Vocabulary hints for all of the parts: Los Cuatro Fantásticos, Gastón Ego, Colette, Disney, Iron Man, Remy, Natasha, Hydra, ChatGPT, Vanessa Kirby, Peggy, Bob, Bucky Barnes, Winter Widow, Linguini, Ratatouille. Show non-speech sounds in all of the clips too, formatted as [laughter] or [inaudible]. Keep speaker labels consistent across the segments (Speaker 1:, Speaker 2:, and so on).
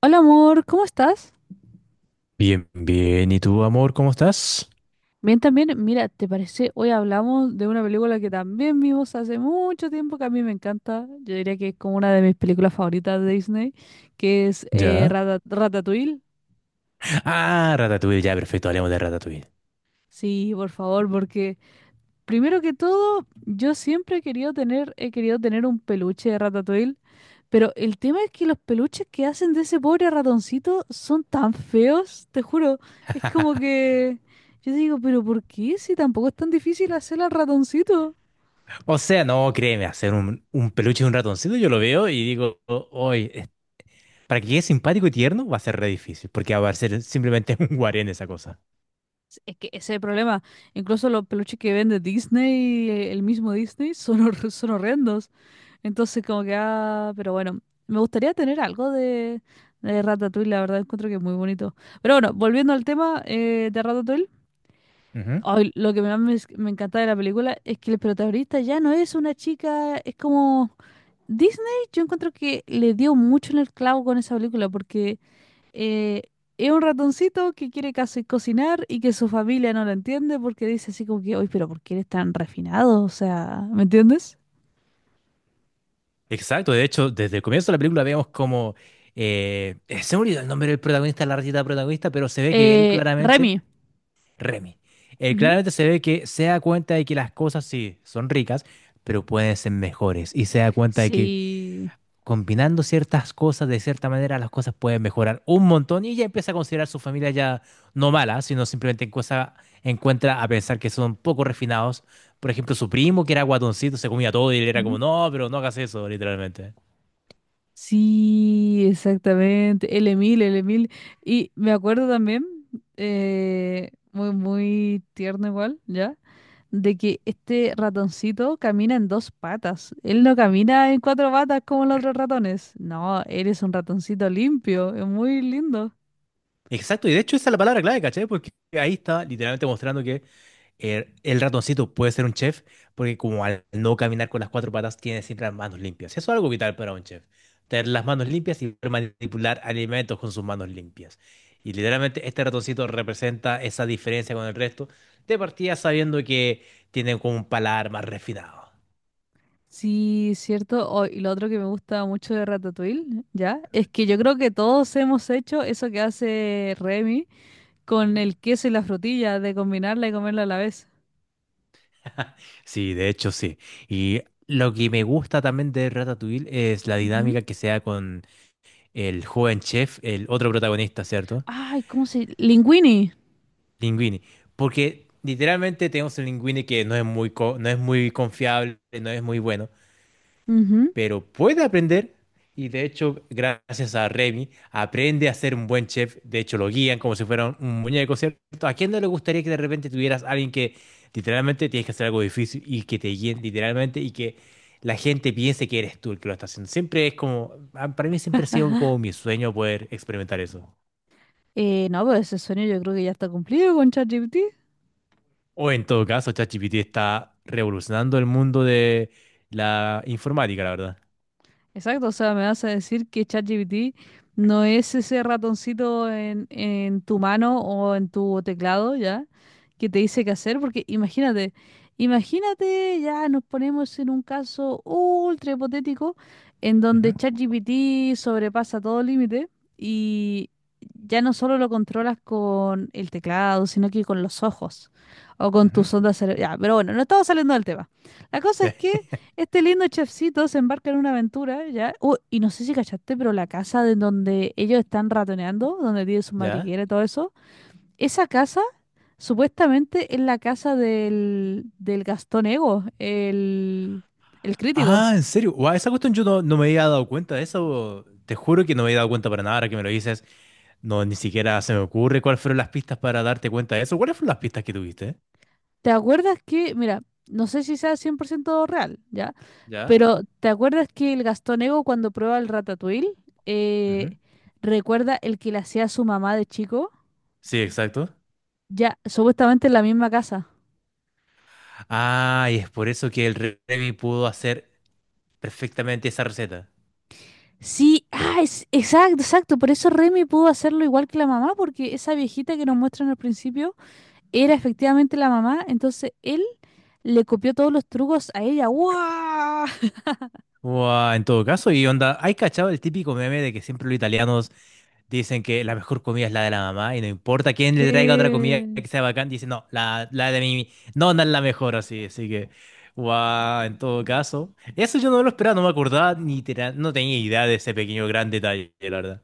Speaker 1: Hola amor, ¿cómo estás?
Speaker 2: Bien, bien. ¿Y tú, amor, cómo estás?
Speaker 1: Bien también, mira, ¿te parece? Hoy hablamos de una película que también vimos hace mucho tiempo, que a mí me encanta. Yo diría que es como una de mis películas favoritas de Disney, que es
Speaker 2: ¿Ya?
Speaker 1: Ratatouille.
Speaker 2: Ah, Ratatouille, ya, perfecto, hablemos de Ratatouille.
Speaker 1: Sí, por favor, porque primero que todo, yo siempre he querido tener un peluche de Ratatouille. Pero el tema es que los peluches que hacen de ese pobre ratoncito son tan feos, te juro. Es como que yo digo, pero ¿por qué? Si tampoco es tan difícil hacer al ratoncito.
Speaker 2: O sea, no, créeme, hacer un peluche de un ratoncito, yo lo veo y digo, Oye, para que quede simpático y tierno va a ser re difícil, porque va a ser simplemente [laughs] un guarén esa cosa.
Speaker 1: Es que ese es el problema. Incluso los peluches que vende Disney, el mismo Disney, son, son horrendos. Entonces como que, ah, pero bueno, me gustaría tener algo de Ratatouille, la verdad, encuentro que es muy bonito. Pero bueno, volviendo al tema de Ratatouille.
Speaker 2: Ujú.
Speaker 1: Ay, lo que me encanta de la película es que el protagonista ya no es una chica, es como Disney, yo encuentro que le dio mucho en el clavo con esa película porque eh, es un ratoncito que quiere casi cocinar y que su familia no lo entiende porque dice así como que, oye, pero ¿por qué eres tan refinado? O sea, ¿me entiendes?
Speaker 2: Exacto, de hecho, desde el comienzo de la película vemos como... se me olvidó el nombre del protagonista, la ratita protagonista, pero se ve que él claramente...
Speaker 1: Remy.
Speaker 2: Remy.
Speaker 1: Ujú.
Speaker 2: Claramente se ve que se da cuenta de que las cosas sí son ricas, pero pueden ser mejores. Y se da cuenta de que
Speaker 1: Sí.
Speaker 2: combinando ciertas cosas de cierta manera, las cosas pueden mejorar un montón. Y ella empieza a considerar su familia ya no mala, sino simplemente encuentra a pensar que son poco refinados. Por ejemplo, su primo, que era guatoncito, se comía todo y él era como,
Speaker 1: Ujú.
Speaker 2: no, pero no hagas eso, literalmente.
Speaker 1: Sí, exactamente. El Emil. Y me acuerdo también, muy, muy tierno igual, ¿ya? De que este ratoncito camina en dos patas. Él no camina en cuatro patas como los otros ratones. No, él es un ratoncito limpio. Es muy lindo.
Speaker 2: Exacto, y de hecho esa es la palabra clave, ¿cachai? Porque ahí está literalmente mostrando que el ratoncito puede ser un chef, porque como al no caminar con las cuatro patas, tiene siempre las manos limpias. Eso es algo vital para un chef. Tener las manos limpias y poder manipular alimentos con sus manos limpias. Y literalmente este ratoncito representa esa diferencia con el resto, de partida sabiendo que tienen como un paladar más refinado.
Speaker 1: Sí, cierto. Oh, y lo otro que me gusta mucho de Ratatouille, ¿ya? Es que yo creo que todos hemos hecho eso que hace Remy con
Speaker 2: Ujú.
Speaker 1: el queso y la frutilla, de combinarla y comerla a la vez.
Speaker 2: [laughs] Sí, de hecho sí. Y lo que me gusta también de Ratatouille es la
Speaker 1: Ujú.
Speaker 2: dinámica que se da con el joven chef, el otro protagonista, ¿cierto?
Speaker 1: Ay, ¿cómo se...? Linguini.
Speaker 2: Linguini. Porque literalmente tenemos el Linguini que no es muy, no es muy confiable, no es muy bueno,
Speaker 1: Ujú.
Speaker 2: pero puede aprender. Y de hecho, gracias a Remy, aprende a ser un buen chef. De hecho, lo guían como si fuera un muñeco, ¿cierto? ¿A quién no le gustaría que de repente tuvieras a alguien que literalmente tienes que hacer algo difícil y que te guíen literalmente y que la gente piense que eres tú el que lo está haciendo? Siempre es como, para mí siempre ha sido como mi sueño poder experimentar eso.
Speaker 1: No, pero ese sueño yo creo que ya está cumplido con ChatGPT.
Speaker 2: O en todo caso, ChatGPT está revolucionando el mundo de la informática, la verdad.
Speaker 1: Exacto, o sea, me vas a decir que ChatGPT no es ese ratoncito en tu mano o en tu teclado, ¿ya? Que te dice qué hacer, porque imagínate, ya nos ponemos en un caso ultra hipotético en donde
Speaker 2: Ujú,
Speaker 1: ChatGPT sobrepasa todo límite y ya no solo lo controlas con el teclado, sino que con los ojos o con
Speaker 2: ujú.
Speaker 1: tus ondas cerebrales. Ya, pero bueno, no estamos saliendo del tema. La cosa
Speaker 2: Sí.
Speaker 1: es que
Speaker 2: [laughs]
Speaker 1: este lindo chefcito se embarca en una aventura, ¿ya? Y no sé si cachaste, pero la casa de donde ellos están ratoneando, donde tiene su
Speaker 2: ¿Ya?
Speaker 1: madriguera y todo eso, esa casa supuestamente es la casa del Gastón Ego, el crítico.
Speaker 2: Ah, ¿en serio? Guau, esa cuestión yo no, no me había dado cuenta de eso. Te juro que no me había dado cuenta para nada. Ahora que me lo dices, no, ni siquiera se me ocurre cuáles fueron las pistas para darte cuenta de eso. ¿Cuáles fueron las pistas que tuviste?
Speaker 1: ¿Te acuerdas que, mira, no sé si sea 100% real, ¿ya?
Speaker 2: ¿Ya?
Speaker 1: Pero ¿te acuerdas que el Gastón Ego cuando prueba el ratatouille, eh,
Speaker 2: Ujú.
Speaker 1: recuerda el que le hacía a su mamá de chico?
Speaker 2: Sí, exacto.
Speaker 1: Ya, supuestamente en la misma casa.
Speaker 2: Ah, y es por eso que el Remy pudo hacer perfectamente esa receta.
Speaker 1: Sí, ah, exacto, exacto. Por eso Remy pudo hacerlo igual que la mamá, porque esa viejita que nos muestran al principio era efectivamente la mamá. Entonces él le copió todos los trucos a ella. ¡Guau!
Speaker 2: Guau, en todo caso, y onda, ¿hay cachado el típico meme de que siempre los italianos dicen que la mejor comida es la de la mamá y no importa quién le traiga otra comida
Speaker 1: Sí.
Speaker 2: que sea bacán, dicen, no, la de mi nona es la mejor, así, así que, wow, en todo caso. Eso yo no lo esperaba, no me acordaba ni no tenía idea de ese pequeño gran detalle, la verdad.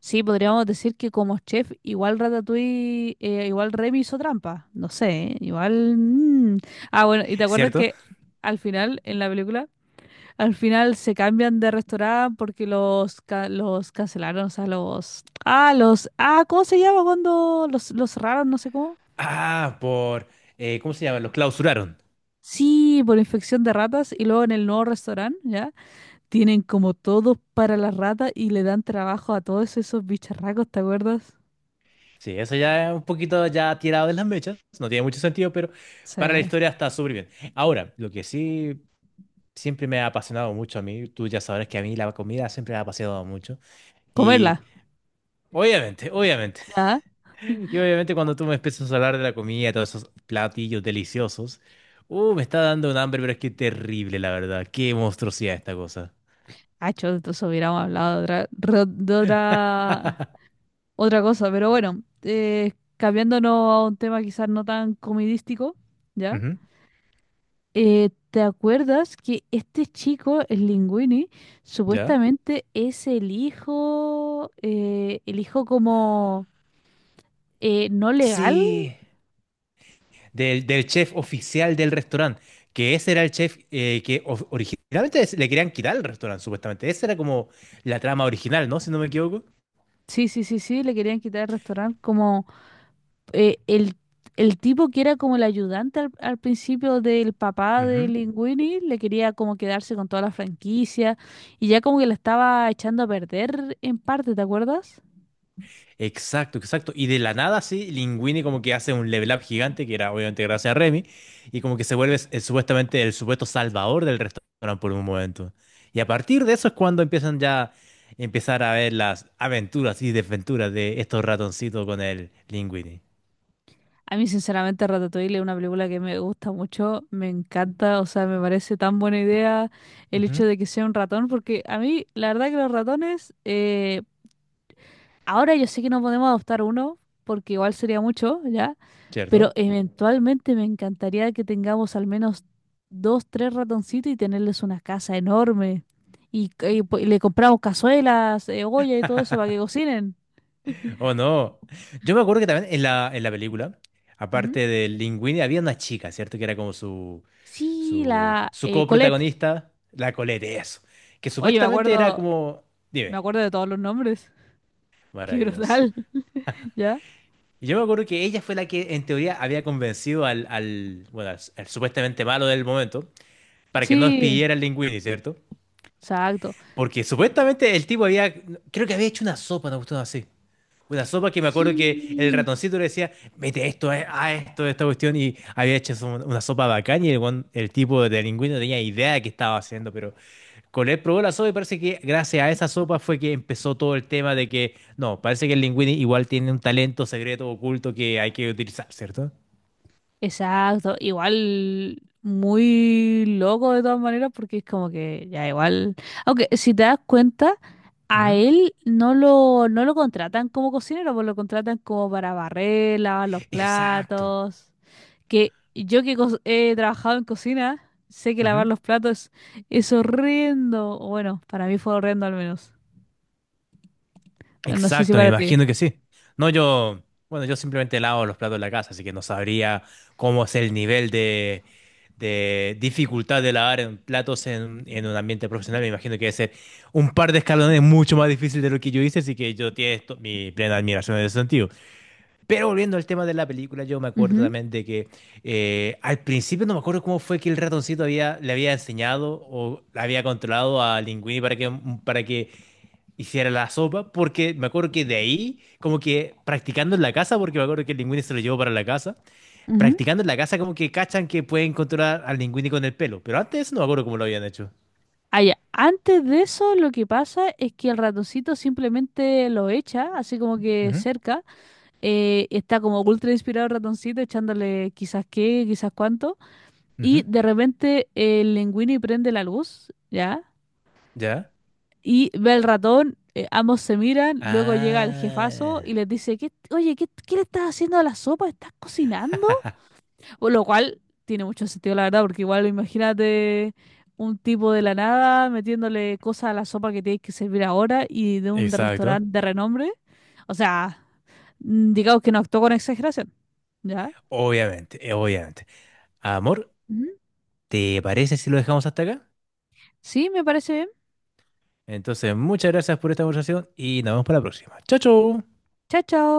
Speaker 1: Sí, podríamos decir que como chef, igual Ratatouille, igual Remy hizo trampa. No sé, ¿eh? Igual. Mm. Ah, bueno, ¿y te acuerdas
Speaker 2: ¿Cierto?
Speaker 1: que al final en la película al final se cambian de restaurante porque los cancelaron, o sea, los... Ah, ¿cómo se llama cuando los cerraron? No sé cómo.
Speaker 2: Ah, por, ¿cómo se llama? Los clausuraron.
Speaker 1: Sí, por infección de ratas y luego en el nuevo restaurante, ¿ya? Tienen como todo para las ratas y le dan trabajo a todos esos bicharracos, ¿te acuerdas?
Speaker 2: Sí, eso ya es un poquito ya tirado de las mechas, no tiene mucho sentido, pero para la
Speaker 1: Sí.
Speaker 2: historia está súper bien. Ahora, lo que sí siempre me ha apasionado mucho a mí, tú ya sabrás que a mí la comida siempre me ha apasionado mucho.
Speaker 1: Comerla,
Speaker 2: Y obviamente, obviamente.
Speaker 1: ¿ya?
Speaker 2: [laughs] Y obviamente cuando tú me empiezas a hablar de la comida, todos esos platillos deliciosos, me está dando un hambre, pero es que terrible, la verdad. Qué monstruosidad esta cosa.
Speaker 1: Ah, chos, entonces hubiéramos hablado de otra, otra cosa, pero bueno, cambiándonos a un tema quizás no tan comidístico, ¿ya?
Speaker 2: Ujú,
Speaker 1: ¿Te acuerdas que este chico, el Linguini,
Speaker 2: ¿ya?
Speaker 1: supuestamente es el hijo como no legal?
Speaker 2: Sí. Del chef oficial del restaurante, que ese era el chef que originalmente le querían quitar el restaurante, supuestamente. Esa era como la trama original, ¿no? Si no me equivoco.
Speaker 1: Sí, sí, sí, sí, le querían quitar el restaurante como eh, el, el tipo que era como el ayudante al principio del papá de Linguini, le quería como quedarse con toda la franquicia y ya como que la estaba echando a perder en parte, ¿te acuerdas?
Speaker 2: Exacto, exacto. Y de la nada, sí, Linguini como que hace un level up gigante, que era obviamente gracias a Remy, y como que se vuelve supuestamente el supuesto salvador del restaurante por un momento. Y a partir de eso es cuando empiezan ya empezar a ver las aventuras y desventuras de estos ratoncitos con el Linguini.
Speaker 1: A mí, sinceramente, Ratatouille es una película que me gusta mucho, me encanta, o sea, me parece tan buena idea el
Speaker 2: Ujú,
Speaker 1: hecho de que sea un ratón, porque a mí, la verdad que los ratones, ahora yo sé que no podemos adoptar uno, porque igual sería mucho, ¿ya? Pero
Speaker 2: ¿cierto?
Speaker 1: eventualmente me encantaría que tengamos al menos dos, tres ratoncitos y tenerles una casa enorme. Y le compramos cazuelas, olla y todo eso para que cocinen.
Speaker 2: Oh, no. Yo me acuerdo que también en en la película,
Speaker 1: Ujú.
Speaker 2: aparte del Linguini, había una chica, ¿cierto? Que era como su
Speaker 1: Sí, la
Speaker 2: Su
Speaker 1: eh, Colette.
Speaker 2: coprotagonista, la Colette, eso. Que
Speaker 1: Oye, me
Speaker 2: supuestamente era
Speaker 1: acuerdo,
Speaker 2: como.
Speaker 1: me
Speaker 2: Dime,
Speaker 1: acuerdo de todos los nombres. [laughs] Qué
Speaker 2: maravilloso.
Speaker 1: brutal, [laughs] ¿ya?
Speaker 2: Y yo me acuerdo que ella fue la que, en teoría, había convencido bueno, al supuestamente malo del momento para que no
Speaker 1: Sí,
Speaker 2: despidiera al Linguini, ¿cierto?
Speaker 1: exacto.
Speaker 2: Porque supuestamente el tipo había. Creo que había hecho una sopa, una cuestión así. Una sopa que me acuerdo que el
Speaker 1: Sí,
Speaker 2: ratoncito le decía, mete esto, a esto, esta cuestión, y había hecho eso, una sopa bacán y el, el tipo de Linguini no tenía idea de qué estaba haciendo, pero Colette probó la sopa y parece que gracias a esa sopa fue que empezó todo el tema de que, no, parece que el Linguini igual tiene un talento secreto oculto que hay que utilizar, cierto.
Speaker 1: exacto. Igual muy loco de todas maneras porque es como que ya igual. Aunque si te das cuenta, a
Speaker 2: Ujú.
Speaker 1: él no lo contratan como cocinero, pues lo contratan como para barrer, lavar los
Speaker 2: Exacto.
Speaker 1: platos. Que yo he trabajado en cocina, sé que lavar
Speaker 2: Ujú.
Speaker 1: los platos es horrendo. O Bueno, para mí fue horrendo al menos. No sé si
Speaker 2: Exacto, me
Speaker 1: para ti.
Speaker 2: imagino que sí. No, yo, bueno, yo simplemente lavo los platos de la casa, así que no sabría cómo es el nivel de dificultad de lavar en platos en un ambiente profesional. Me imagino que debe ser un par de escalones mucho más difícil de lo que yo hice, así que yo tiene esto- mi plena admiración en ese sentido. Pero volviendo al tema de la película, yo me acuerdo
Speaker 1: Ujú,
Speaker 2: también de que al principio no me acuerdo cómo fue que el ratoncito había, le había enseñado o le había controlado a Linguini para que hiciera la sopa, porque me acuerdo que de ahí, como que practicando en la casa, porque me acuerdo que el Linguini se lo llevó para la casa,
Speaker 1: ujú.
Speaker 2: practicando en la casa como que cachan que pueden controlar al Linguini con el pelo, pero antes de eso no me acuerdo cómo lo habían hecho.
Speaker 1: Ah, ya. Antes de eso, lo que pasa es que el ratoncito simplemente lo echa, así como que
Speaker 2: Ujú,
Speaker 1: cerca. Está como ultra inspirado el ratoncito, echándole quizás qué, quizás cuánto. Y
Speaker 2: ujú.
Speaker 1: de repente el Linguini prende la luz, ¿ya?
Speaker 2: ¿Ya?
Speaker 1: Y ve al ratón, ambos se miran, luego llega el jefazo y
Speaker 2: Ah,
Speaker 1: les dice, ¿Qué, oye, qué le estás haciendo a la sopa? ¿Estás cocinando? O lo cual tiene mucho sentido, la verdad, porque igual imagínate un tipo de la nada metiéndole cosas a la sopa que tienes que servir ahora y de un
Speaker 2: exacto.
Speaker 1: restaurante de renombre. O sea, mm, digamos que no actuó con exageración. ¿Ya?
Speaker 2: Obviamente, obviamente. Amor,
Speaker 1: Ujú.
Speaker 2: ¿te parece si lo dejamos hasta acá?
Speaker 1: Sí, me parece bien.
Speaker 2: Entonces, muchas gracias por esta conversación y nos vemos para la próxima. Chao, chao.
Speaker 1: Chao, chao.